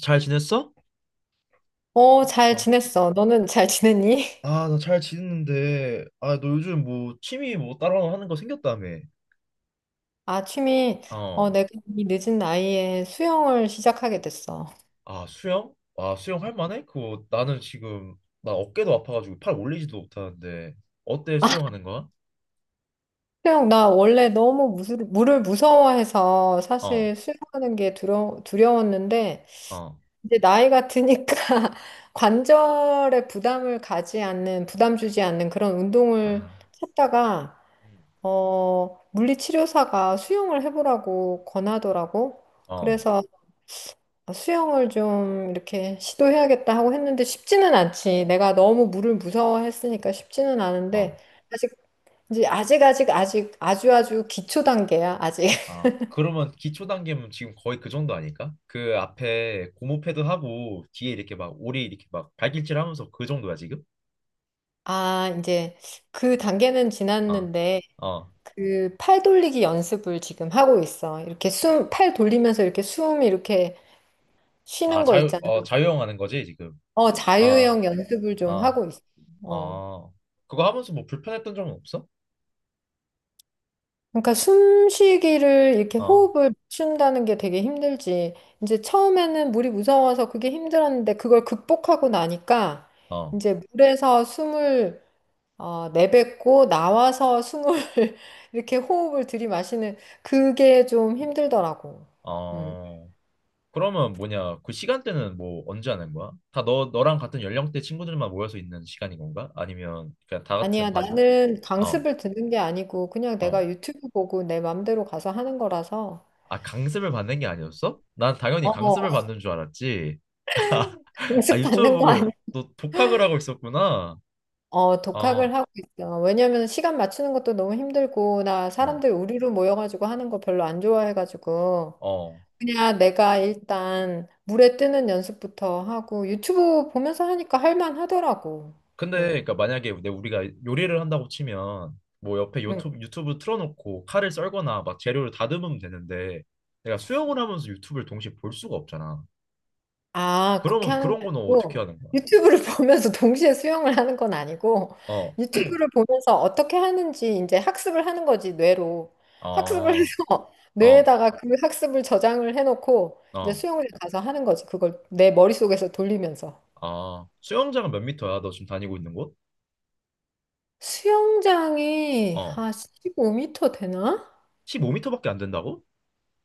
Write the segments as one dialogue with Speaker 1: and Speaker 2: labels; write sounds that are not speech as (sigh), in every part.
Speaker 1: 잘 지냈어?
Speaker 2: 어, 잘
Speaker 1: 어.
Speaker 2: 지냈어. 너는 잘 지냈니? (laughs)
Speaker 1: 아, 나 잘 지냈는데, 아, 너 요즘 뭐 취미 뭐 따로 하는 거 생겼다며?
Speaker 2: 아, 취미. 어,
Speaker 1: 어.
Speaker 2: 내가 이 늦은 나이에 수영을 시작하게 됐어.
Speaker 1: 아, 수영? 아, 수영 할 만해? 그거 나는 지금 나 어깨도 아파가지고 팔 올리지도 못하는데 어때 수영하는 거야?
Speaker 2: 수영, 나 원래 물을 무서워해서
Speaker 1: 어,
Speaker 2: 사실 수영하는 게 두려웠는데,
Speaker 1: 어.
Speaker 2: 이제 나이가 드니까 (laughs) 관절에 부담을 가지 않는, 부담 주지 않는 그런 운동을
Speaker 1: 아,
Speaker 2: 찾다가,
Speaker 1: 음.
Speaker 2: 어, 물리치료사가 수영을 해보라고 권하더라고.
Speaker 1: 어,
Speaker 2: 그래서 아, 수영을 좀 이렇게 시도해야겠다 하고 했는데 쉽지는 않지. 내가 너무 물을 무서워했으니까 쉽지는 않은데
Speaker 1: 어.
Speaker 2: 아직 이제 아직 아주 아주 기초 단계야. 아직. (laughs)
Speaker 1: 아, 그러면 기초 단계면 지금 거의 그 정도 아닐까? 그 앞에 고무 패드 하고 뒤에 이렇게 막 오리 이렇게 막 발길질 하면서 그 정도야 지금?
Speaker 2: 아, 이제 그 단계는
Speaker 1: 아,
Speaker 2: 지났는데
Speaker 1: 어.
Speaker 2: 그 팔 돌리기 연습을 지금 하고 있어. 이렇게 숨, 팔 돌리면서 이렇게 숨 이렇게
Speaker 1: 아,
Speaker 2: 쉬는 거 있잖아.
Speaker 1: 자유형 하는 거지 지금?
Speaker 2: 어,
Speaker 1: 어,
Speaker 2: 자유형 연습을 좀
Speaker 1: 어,
Speaker 2: 하고 있어. 어.
Speaker 1: 어, 그거 하면서 뭐 불편했던 점은 없어?
Speaker 2: 그러니까 숨쉬기를 이렇게
Speaker 1: 어,
Speaker 2: 호흡을 맞춘다는 게 되게 힘들지. 이제 처음에는 물이 무서워서 그게 힘들었는데 그걸 극복하고 나니까
Speaker 1: 어,
Speaker 2: 이제 물에서 숨을 어, 내뱉고 나와서 숨을 (laughs) 이렇게 호흡을 들이마시는 그게 좀 힘들더라고. 음.
Speaker 1: 어. 그러면 뭐냐? 그 시간대는 뭐 언제 하는 거야? 다 너랑 같은 연령대 친구들만 모여서 있는 시간인 건가? 아니면 그냥 다
Speaker 2: 아니야,
Speaker 1: 같은 반인가?
Speaker 2: 나는
Speaker 1: 어,
Speaker 2: 강습을 듣는 게 아니고 그냥
Speaker 1: 어.
Speaker 2: 내가 유튜브 보고 내 맘대로 가서 하는 거라서
Speaker 1: 아, 강습을 받는 게 아니었어? 난 당연히 강습을
Speaker 2: 어,
Speaker 1: 받는 줄 알았지. (laughs) 아,
Speaker 2: 강습
Speaker 1: 유튜브
Speaker 2: 받는 거 아니야.
Speaker 1: 보고 너 독학을 하고 있었구나.
Speaker 2: 어, 독학을
Speaker 1: 어,
Speaker 2: 하고 있어. 왜냐면 시간 맞추는 것도 너무 힘들고, 나
Speaker 1: 어,
Speaker 2: 사람들 우리로 모여가지고 하는 거 별로 안 좋아해가지고,
Speaker 1: 어.
Speaker 2: 그냥 내가 일단 물에 뜨는 연습부터 하고, 유튜브 보면서 하니까 할만하더라고.
Speaker 1: 근데
Speaker 2: 응.
Speaker 1: 그러니까 만약에 내 우리가 요리를 한다고 치면 뭐 옆에 유튜브 틀어놓고 칼을 썰거나 막 재료를 다듬으면 되는데 내가 수영을 하면서 유튜브를 동시에 볼 수가 없잖아.
Speaker 2: 아, 그렇게
Speaker 1: 그러면
Speaker 2: 하는 게
Speaker 1: 그런 거는 어떻게
Speaker 2: 아니고,
Speaker 1: 하는 거야?
Speaker 2: 유튜브를 (laughs) 보면서 동시에 수영을 하는 건 아니고,
Speaker 1: 어,
Speaker 2: 유튜브를 보면서 어떻게 하는지 이제 학습을 하는 거지, 뇌로. 학습을 해서
Speaker 1: 아,
Speaker 2: (laughs)
Speaker 1: 어,
Speaker 2: 뇌에다가 그 학습을 저장을 해놓고, 이제
Speaker 1: 어,
Speaker 2: 수영장 가서 하는 거지. 그걸 내 머릿속에서 돌리면서.
Speaker 1: 아. 수영장은 몇 미터야? 너 지금 다니고 있는 곳?
Speaker 2: 수영장이
Speaker 1: 어,
Speaker 2: 한 1 5터 되나?
Speaker 1: 15미터밖에 안 된다고?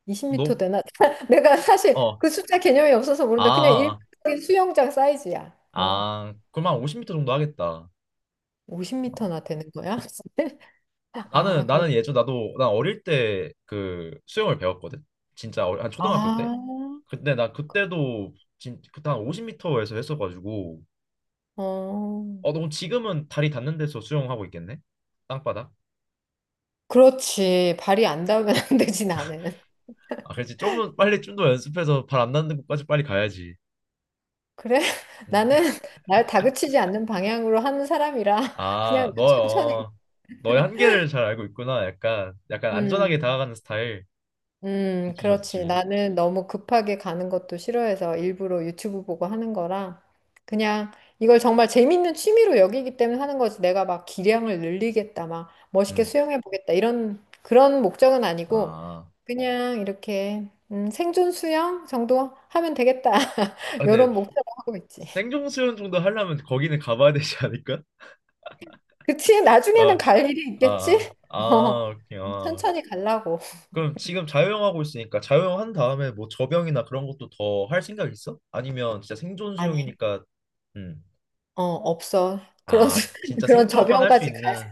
Speaker 2: 2 0터
Speaker 1: 너,
Speaker 2: 되나? (laughs) 내가 사실
Speaker 1: 어,
Speaker 2: 그 숫자 개념이 없어서
Speaker 1: 아,
Speaker 2: 모르는데, 그냥
Speaker 1: 아,
Speaker 2: 일반 수영장 사이즈야. 어,
Speaker 1: 아. 그럼 한 50미터 정도 하겠다.
Speaker 2: 5 0터
Speaker 1: 어.
Speaker 2: 나 되는 거야? (laughs)
Speaker 1: 나는
Speaker 2: 아,
Speaker 1: 나는
Speaker 2: 그렇구나.
Speaker 1: 예전 나도 난 어릴 때 그 수영을 배웠거든. 진짜 한 초등학교 때.
Speaker 2: 아,
Speaker 1: 근데 나 그때도 진 그때 한 50미터에서 했어가지고
Speaker 2: 어.
Speaker 1: 어 너무 지금은 다리 닿는 데서 수영하고 있겠네? 땅바닥?
Speaker 2: 그렇지. 발이 안 닿으면 (laughs) 안 되지, 나는.
Speaker 1: 아 그렇지 좀 더 빨리 좀 더 연습해서 발 안 닿는 곳까지 빨리 가야지.
Speaker 2: 그래? (laughs) 나는
Speaker 1: 음.
Speaker 2: 날 다그치지 않는 방향으로 하는 사람이라
Speaker 1: 아
Speaker 2: 그냥 천천히.
Speaker 1: 너요. 너의 한계를 잘 알고 있구나. 약간 약간 안전하게
Speaker 2: 음.
Speaker 1: 다가가는 스타일. 좋지
Speaker 2: 그렇지.
Speaker 1: 좋지.
Speaker 2: 나는 너무 급하게 가는 것도 싫어해서 일부러 유튜브 보고 하는 거라 그냥 이걸 정말 재밌는 취미로 여기기 때문에 하는 거지. 내가 막 기량을 늘리겠다, 막 멋있게
Speaker 1: 음.
Speaker 2: 수영해 보겠다 이런 그런 목적은 아니고
Speaker 1: 아.
Speaker 2: 그냥 이렇게 생존 수영 정도 하면 되겠다. (laughs)
Speaker 1: 아 근데
Speaker 2: 이런 목표로 하고 있지.
Speaker 1: 생존 수영 정도 하려면 거기는 가봐야 되지 않을까?
Speaker 2: 그치?
Speaker 1: (laughs)
Speaker 2: 나중에는
Speaker 1: 아.
Speaker 2: 갈 일이
Speaker 1: 아. 아.
Speaker 2: 있겠지? (laughs) 어,
Speaker 1: 아, 오케이. 아.
Speaker 2: 천천히 가려고.
Speaker 1: 그럼 지금 자유형 하고 있으니까 자유형 한 다음에 뭐 접영이나 그런 것도 더 할 생각 있어? 아니면 진짜 생존
Speaker 2: 아니,
Speaker 1: 수영이니까 음.
Speaker 2: 어, 없어. 그런,
Speaker 1: 아,
Speaker 2: (laughs)
Speaker 1: 진짜
Speaker 2: 그런
Speaker 1: 생존만 할 수
Speaker 2: 저변까지
Speaker 1: 있는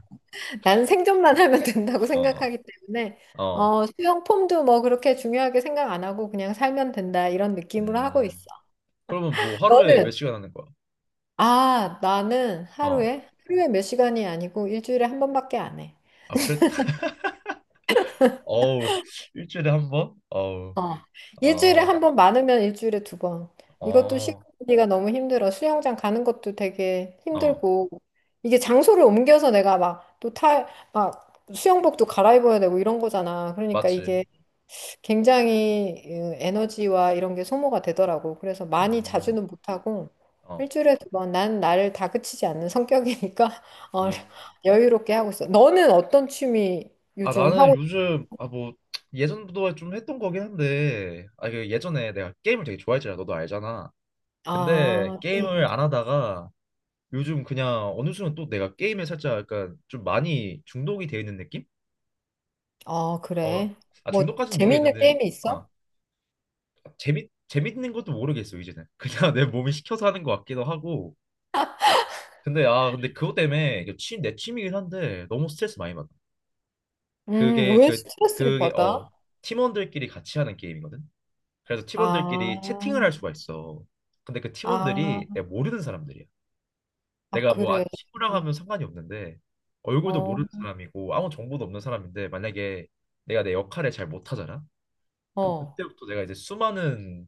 Speaker 2: 난 생존만 하면 된다고
Speaker 1: 어.
Speaker 2: 생각하기 때문에
Speaker 1: 어.
Speaker 2: 어, 수영 폼도 뭐 그렇게 중요하게 생각 안 하고 그냥 살면 된다 이런 느낌으로 하고
Speaker 1: 음.
Speaker 2: 있어.
Speaker 1: 그러면 뭐 하루에
Speaker 2: 너는?
Speaker 1: 몇 시간 하는 거야?
Speaker 2: 아, 나는
Speaker 1: 어.
Speaker 2: 하루에 몇 시간이 아니고 일주일에 한 번밖에 안 해.
Speaker 1: 아, 그랬 (laughs) 어우, 일주일에 한 번? 어우.
Speaker 2: 어. 일주일에
Speaker 1: 어.
Speaker 2: 한 번 많으면 일주일에 두 번. 이것도 시간
Speaker 1: 어.
Speaker 2: 관리가 너무 힘들어. 수영장 가는 것도 되게
Speaker 1: 어.
Speaker 2: 힘들고. 이게 장소를 옮겨서 내가 막 수영복도 갈아입어야 되고 이런 거잖아. 그러니까
Speaker 1: 맞지.
Speaker 2: 이게 굉장히 어, 에너지와 이런 게 소모가 되더라고. 그래서 많이
Speaker 1: 음.
Speaker 2: 자주는 못하고
Speaker 1: 어.
Speaker 2: 일주일에 두 번. 난 나를 다그치지 않는 성격이니까 (laughs) 어,
Speaker 1: 음.
Speaker 2: 여유롭게 하고 있어. 너는 어떤 취미
Speaker 1: 아,
Speaker 2: 요즘
Speaker 1: 나는
Speaker 2: 하고,
Speaker 1: 요즘 아 뭐 예전부터 좀 했던 거긴 한데 아 그 예전에 내가 게임을 되게 좋아했잖아. 너도 알잖아. 근데
Speaker 2: 아.
Speaker 1: 게임을 안 하다가 요즘 그냥 어느 순간 또 내가 게임에 살짝 약간 좀 많이 중독이 되어 있는 느낌?
Speaker 2: 아,
Speaker 1: 어,
Speaker 2: 그래.
Speaker 1: 아
Speaker 2: 뭐,
Speaker 1: 중독까지는
Speaker 2: 재밌는
Speaker 1: 모르겠는데
Speaker 2: 게임이 있어?
Speaker 1: 아 재밌는 것도 모르겠어 이제는 그냥 (laughs) 내 몸이 시켜서 하는 것 같기도 하고 근데 아 근데 그것 때문에 이거 내 취미긴 한데 너무 스트레스 많이 받아 그게
Speaker 2: 왜
Speaker 1: 그
Speaker 2: 스트레스를
Speaker 1: 그게
Speaker 2: 받아?
Speaker 1: 어 팀원들끼리 같이 하는 게임이거든 그래서
Speaker 2: 아,
Speaker 1: 팀원들끼리 채팅을 할 수가 있어 근데 그
Speaker 2: 아,
Speaker 1: 팀원들이 내가 모르는 사람들이야
Speaker 2: 아,
Speaker 1: 내가 뭐
Speaker 2: 그래.
Speaker 1: 아는 친구랑 하면 상관이 없는데 얼굴도
Speaker 2: 어,
Speaker 1: 모르는 사람이고 아무 정보도 없는 사람인데 만약에 내가 내 역할을 잘 못하잖아? 그럼
Speaker 2: 어.
Speaker 1: 그때부터 내가 이제 수많은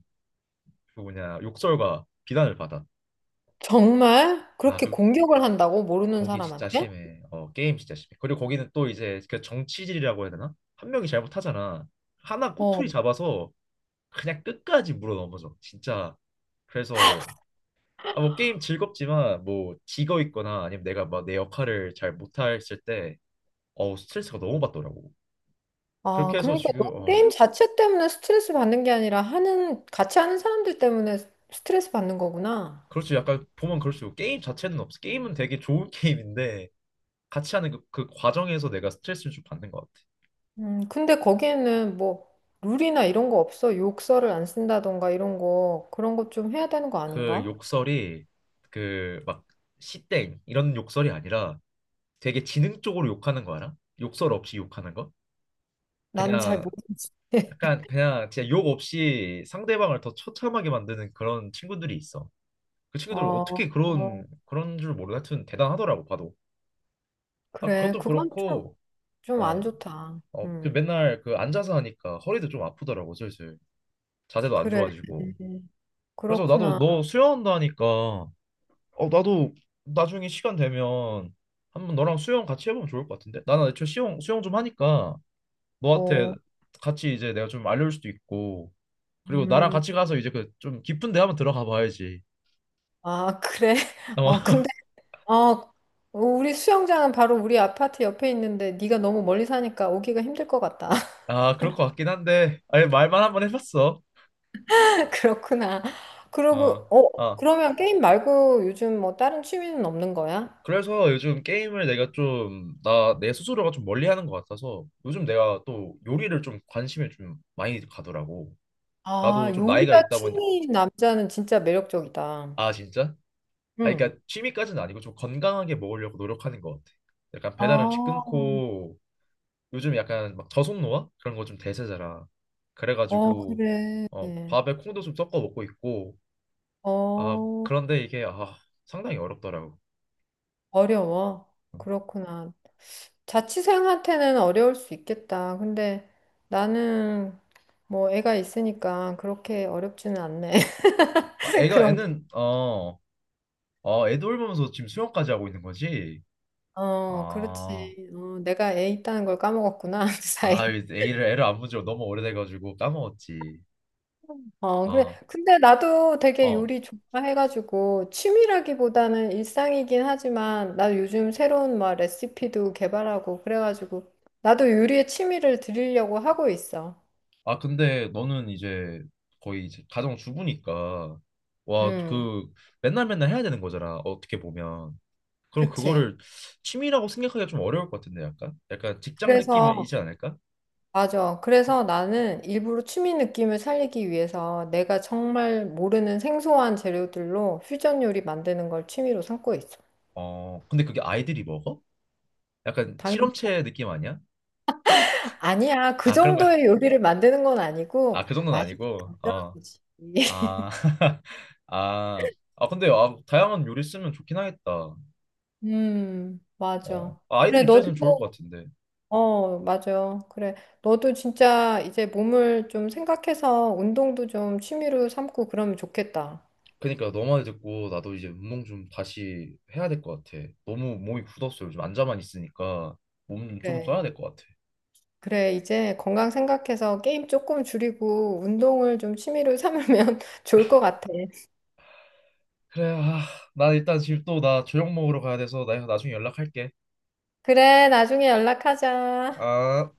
Speaker 1: 그 뭐냐 욕설과 비난을 받아.
Speaker 2: 정말?
Speaker 1: 아,
Speaker 2: 그렇게
Speaker 1: 그
Speaker 2: 공격을 한다고? 모르는
Speaker 1: 거기 진짜
Speaker 2: 사람한테?
Speaker 1: 심해. 어, 게임 진짜 심해. 그리고 거기는 또 이제 그 정치질이라고 해야 되나? 한 명이 잘못하잖아. 하나
Speaker 2: 어.
Speaker 1: 꼬투리 잡아서 그냥 끝까지 물어 넘어져. 진짜. 그래서 아, 뭐 게임 즐겁지만 뭐 지거 있거나 아니면 내가 막 내 역할을 잘 못했을 때 어우 스트레스가 너무 받더라고.
Speaker 2: 아,
Speaker 1: 그렇게 해서
Speaker 2: 그러니까
Speaker 1: 지금
Speaker 2: 너
Speaker 1: 어
Speaker 2: 게임 자체 때문에 스트레스 받는 게 아니라 하는, 같이 하는 사람들 때문에 스트레스 받는 거구나.
Speaker 1: 그렇지 약간 보면 그럴 수 있고 게임 자체는 없어. 게임은 되게 좋은 (laughs) 게임인데 같이 하는 그 과정에서 내가 스트레스를 좀 받는 것 같아.
Speaker 2: 근데 거기에는 뭐, 룰이나 이런 거 없어? 욕설을 안 쓴다던가 이런 거, 그런 거 좀 해야 되는 거
Speaker 1: 그
Speaker 2: 아닌가?
Speaker 1: 욕설이 그 막 시땡 이런 욕설이 아니라 되게 지능 적으로 욕하는 거 알아? 욕설 없이 욕하는 거?
Speaker 2: 나는 잘
Speaker 1: 그냥
Speaker 2: 모르겠어.
Speaker 1: 약간 그냥 진짜 욕 없이 상대방을 더 처참하게 만드는 그런 친구들이 있어. 그
Speaker 2: 어,
Speaker 1: 친구들 어떻게
Speaker 2: 어,
Speaker 1: 그런 줄 모르 하여튼 대단하더라고 봐도. 아
Speaker 2: 그래.
Speaker 1: 그것도
Speaker 2: 그건 좀,
Speaker 1: 그렇고.
Speaker 2: 좀 안
Speaker 1: 어
Speaker 2: 좋다.
Speaker 1: 어, 그 맨날 그 앉아서 하니까 허리도 좀 아프더라고 슬슬 자세도 안
Speaker 2: 그래.
Speaker 1: 좋아지고 그래서 나도
Speaker 2: 그렇구나.
Speaker 1: 너 수영한다 하니까 어 나도 나중에 시간 되면 한번 너랑 수영 같이 해보면 좋을 것 같은데 나는 애초에 수영 좀 하니까 너한테
Speaker 2: 어,
Speaker 1: 같이 이제 내가 좀 알려줄 수도 있고 그리고 나랑
Speaker 2: 음,
Speaker 1: 같이 가서 이제 그 좀 깊은 데 한번 들어가 봐야지
Speaker 2: 아, 그래. (laughs)
Speaker 1: 어,
Speaker 2: 어,
Speaker 1: (laughs)
Speaker 2: 근데, 어, 우리 수영장은 바로 우리 아파트 옆에 있는데 네가 너무 멀리 사니까 오기가 힘들 것 같다.
Speaker 1: 아 그럴 것 같긴 한데 아니 말만 한번 해봤어
Speaker 2: (laughs) 그렇구나. 그러고,
Speaker 1: 어
Speaker 2: 어,
Speaker 1: 어.
Speaker 2: 그러면 게임 말고 요즘 뭐 다른 취미는 없는 거야?
Speaker 1: 그래서 요즘 게임을 내가 좀, 내 스스로가 좀 멀리 하는 것 같아서 요즘 내가 또 요리를 좀 관심이 좀 많이 가더라고.
Speaker 2: 아,
Speaker 1: 나도 좀 나이가
Speaker 2: 요리가
Speaker 1: 있다 보니,
Speaker 2: 취미인 남자는 진짜 매력적이다.
Speaker 1: 아, 진짜? 아,
Speaker 2: 응.
Speaker 1: 그러니까 취미까지는 아니고 좀 건강하게 먹으려고 노력하는 것 같아. 약간 배달 음식
Speaker 2: 아,
Speaker 1: 끊고 요즘 약간 막 저속노화? 그런 거 좀 대세잖아.
Speaker 2: 어,
Speaker 1: 그래가지고,
Speaker 2: 그래.
Speaker 1: 어, 밥에 콩도 좀 섞어 먹고 있고, 아,
Speaker 2: 어,
Speaker 1: 그런데 이게, 아, 상당히 어렵더라고.
Speaker 2: 어려워.
Speaker 1: 어,
Speaker 2: 그렇구나. 자취생한테는 어려울 수 있겠다. 근데 나는 뭐 애가 있으니까 그렇게 어렵지는 않네.
Speaker 1: 아,
Speaker 2: (laughs) 그런 게.
Speaker 1: 애는, 어, 아 애 돌보면서 지금 수영까지 하고 있는 거지?
Speaker 2: 어,
Speaker 1: 아,
Speaker 2: 그렇지. 어, 내가 애 있다는 걸 까먹었구나, (laughs) 그 사이.
Speaker 1: 아, 애를 안 본 지가 너무 오래돼가지고 까먹었지.
Speaker 2: 어, 그래.
Speaker 1: 아,
Speaker 2: 근데 나도 되게
Speaker 1: 어.
Speaker 2: 요리 좋아해가지고 취미라기보다는 일상이긴 하지만 나 요즘 새로운 막 레시피도 개발하고 그래가지고 나도 요리에 취미를 들이려고 하고 있어.
Speaker 1: 아, 근데 너는 이제 거의 이제 가정 주부니까, 와,
Speaker 2: 음.
Speaker 1: 그, 맨날 맨날 해야 되는 거잖아, 어떻게 보면. 그럼
Speaker 2: 그치.
Speaker 1: 그거를 취미라고 생각하기가 좀 어려울 것 같은데, 약간? 약간 직장
Speaker 2: 그래서,
Speaker 1: 느낌이지 않을까?
Speaker 2: 맞아. 그래서 나는 일부러 취미 느낌을 살리기 위해서 내가 정말 모르는 생소한 재료들로 퓨전 요리 만드는 걸 취미로 삼고 있어.
Speaker 1: 어, 근데 그게 아이들이 먹어? 약간
Speaker 2: 당연히.
Speaker 1: 실험체 느낌 아니야?
Speaker 2: 아니야. 그
Speaker 1: 아, 그런 거야.
Speaker 2: 정도의 요리를 만드는 건
Speaker 1: 아,
Speaker 2: 아니고,
Speaker 1: 그 정도는
Speaker 2: 맛있게
Speaker 1: 아니고, 어.
Speaker 2: 만들어주지. (laughs)
Speaker 1: 아, (laughs) 아, 아, 근데 아, 다양한 요리 쓰면 좋긴 하겠다. 어,
Speaker 2: 맞아.
Speaker 1: 아, 아이들
Speaker 2: 그래, 너도,
Speaker 1: 입장에서는 좋을 것 같은데.
Speaker 2: 어, 맞아. 그래. 너도 진짜 이제 몸을 좀 생각해서 운동도 좀 취미로 삼고 그러면 좋겠다.
Speaker 1: 그러니까 너말 듣고 나도 이제 운동 좀 다시 해야 될 것 같아. 너무 몸이 굳었어. 요즘 앉아만 있으니까 몸 좀
Speaker 2: 그래.
Speaker 1: 써야 될 것 같아.
Speaker 2: 그래, 이제 건강 생각해서 게임 조금 줄이고 운동을 좀 취미로 삼으면 (laughs) 좋을 것 같아.
Speaker 1: 그래, 아, 나 일단 지금 또 나 저녁 먹으러 가야 돼서 나 나중에 연락할게.
Speaker 2: 그래, 나중에 연락하자.
Speaker 1: 아.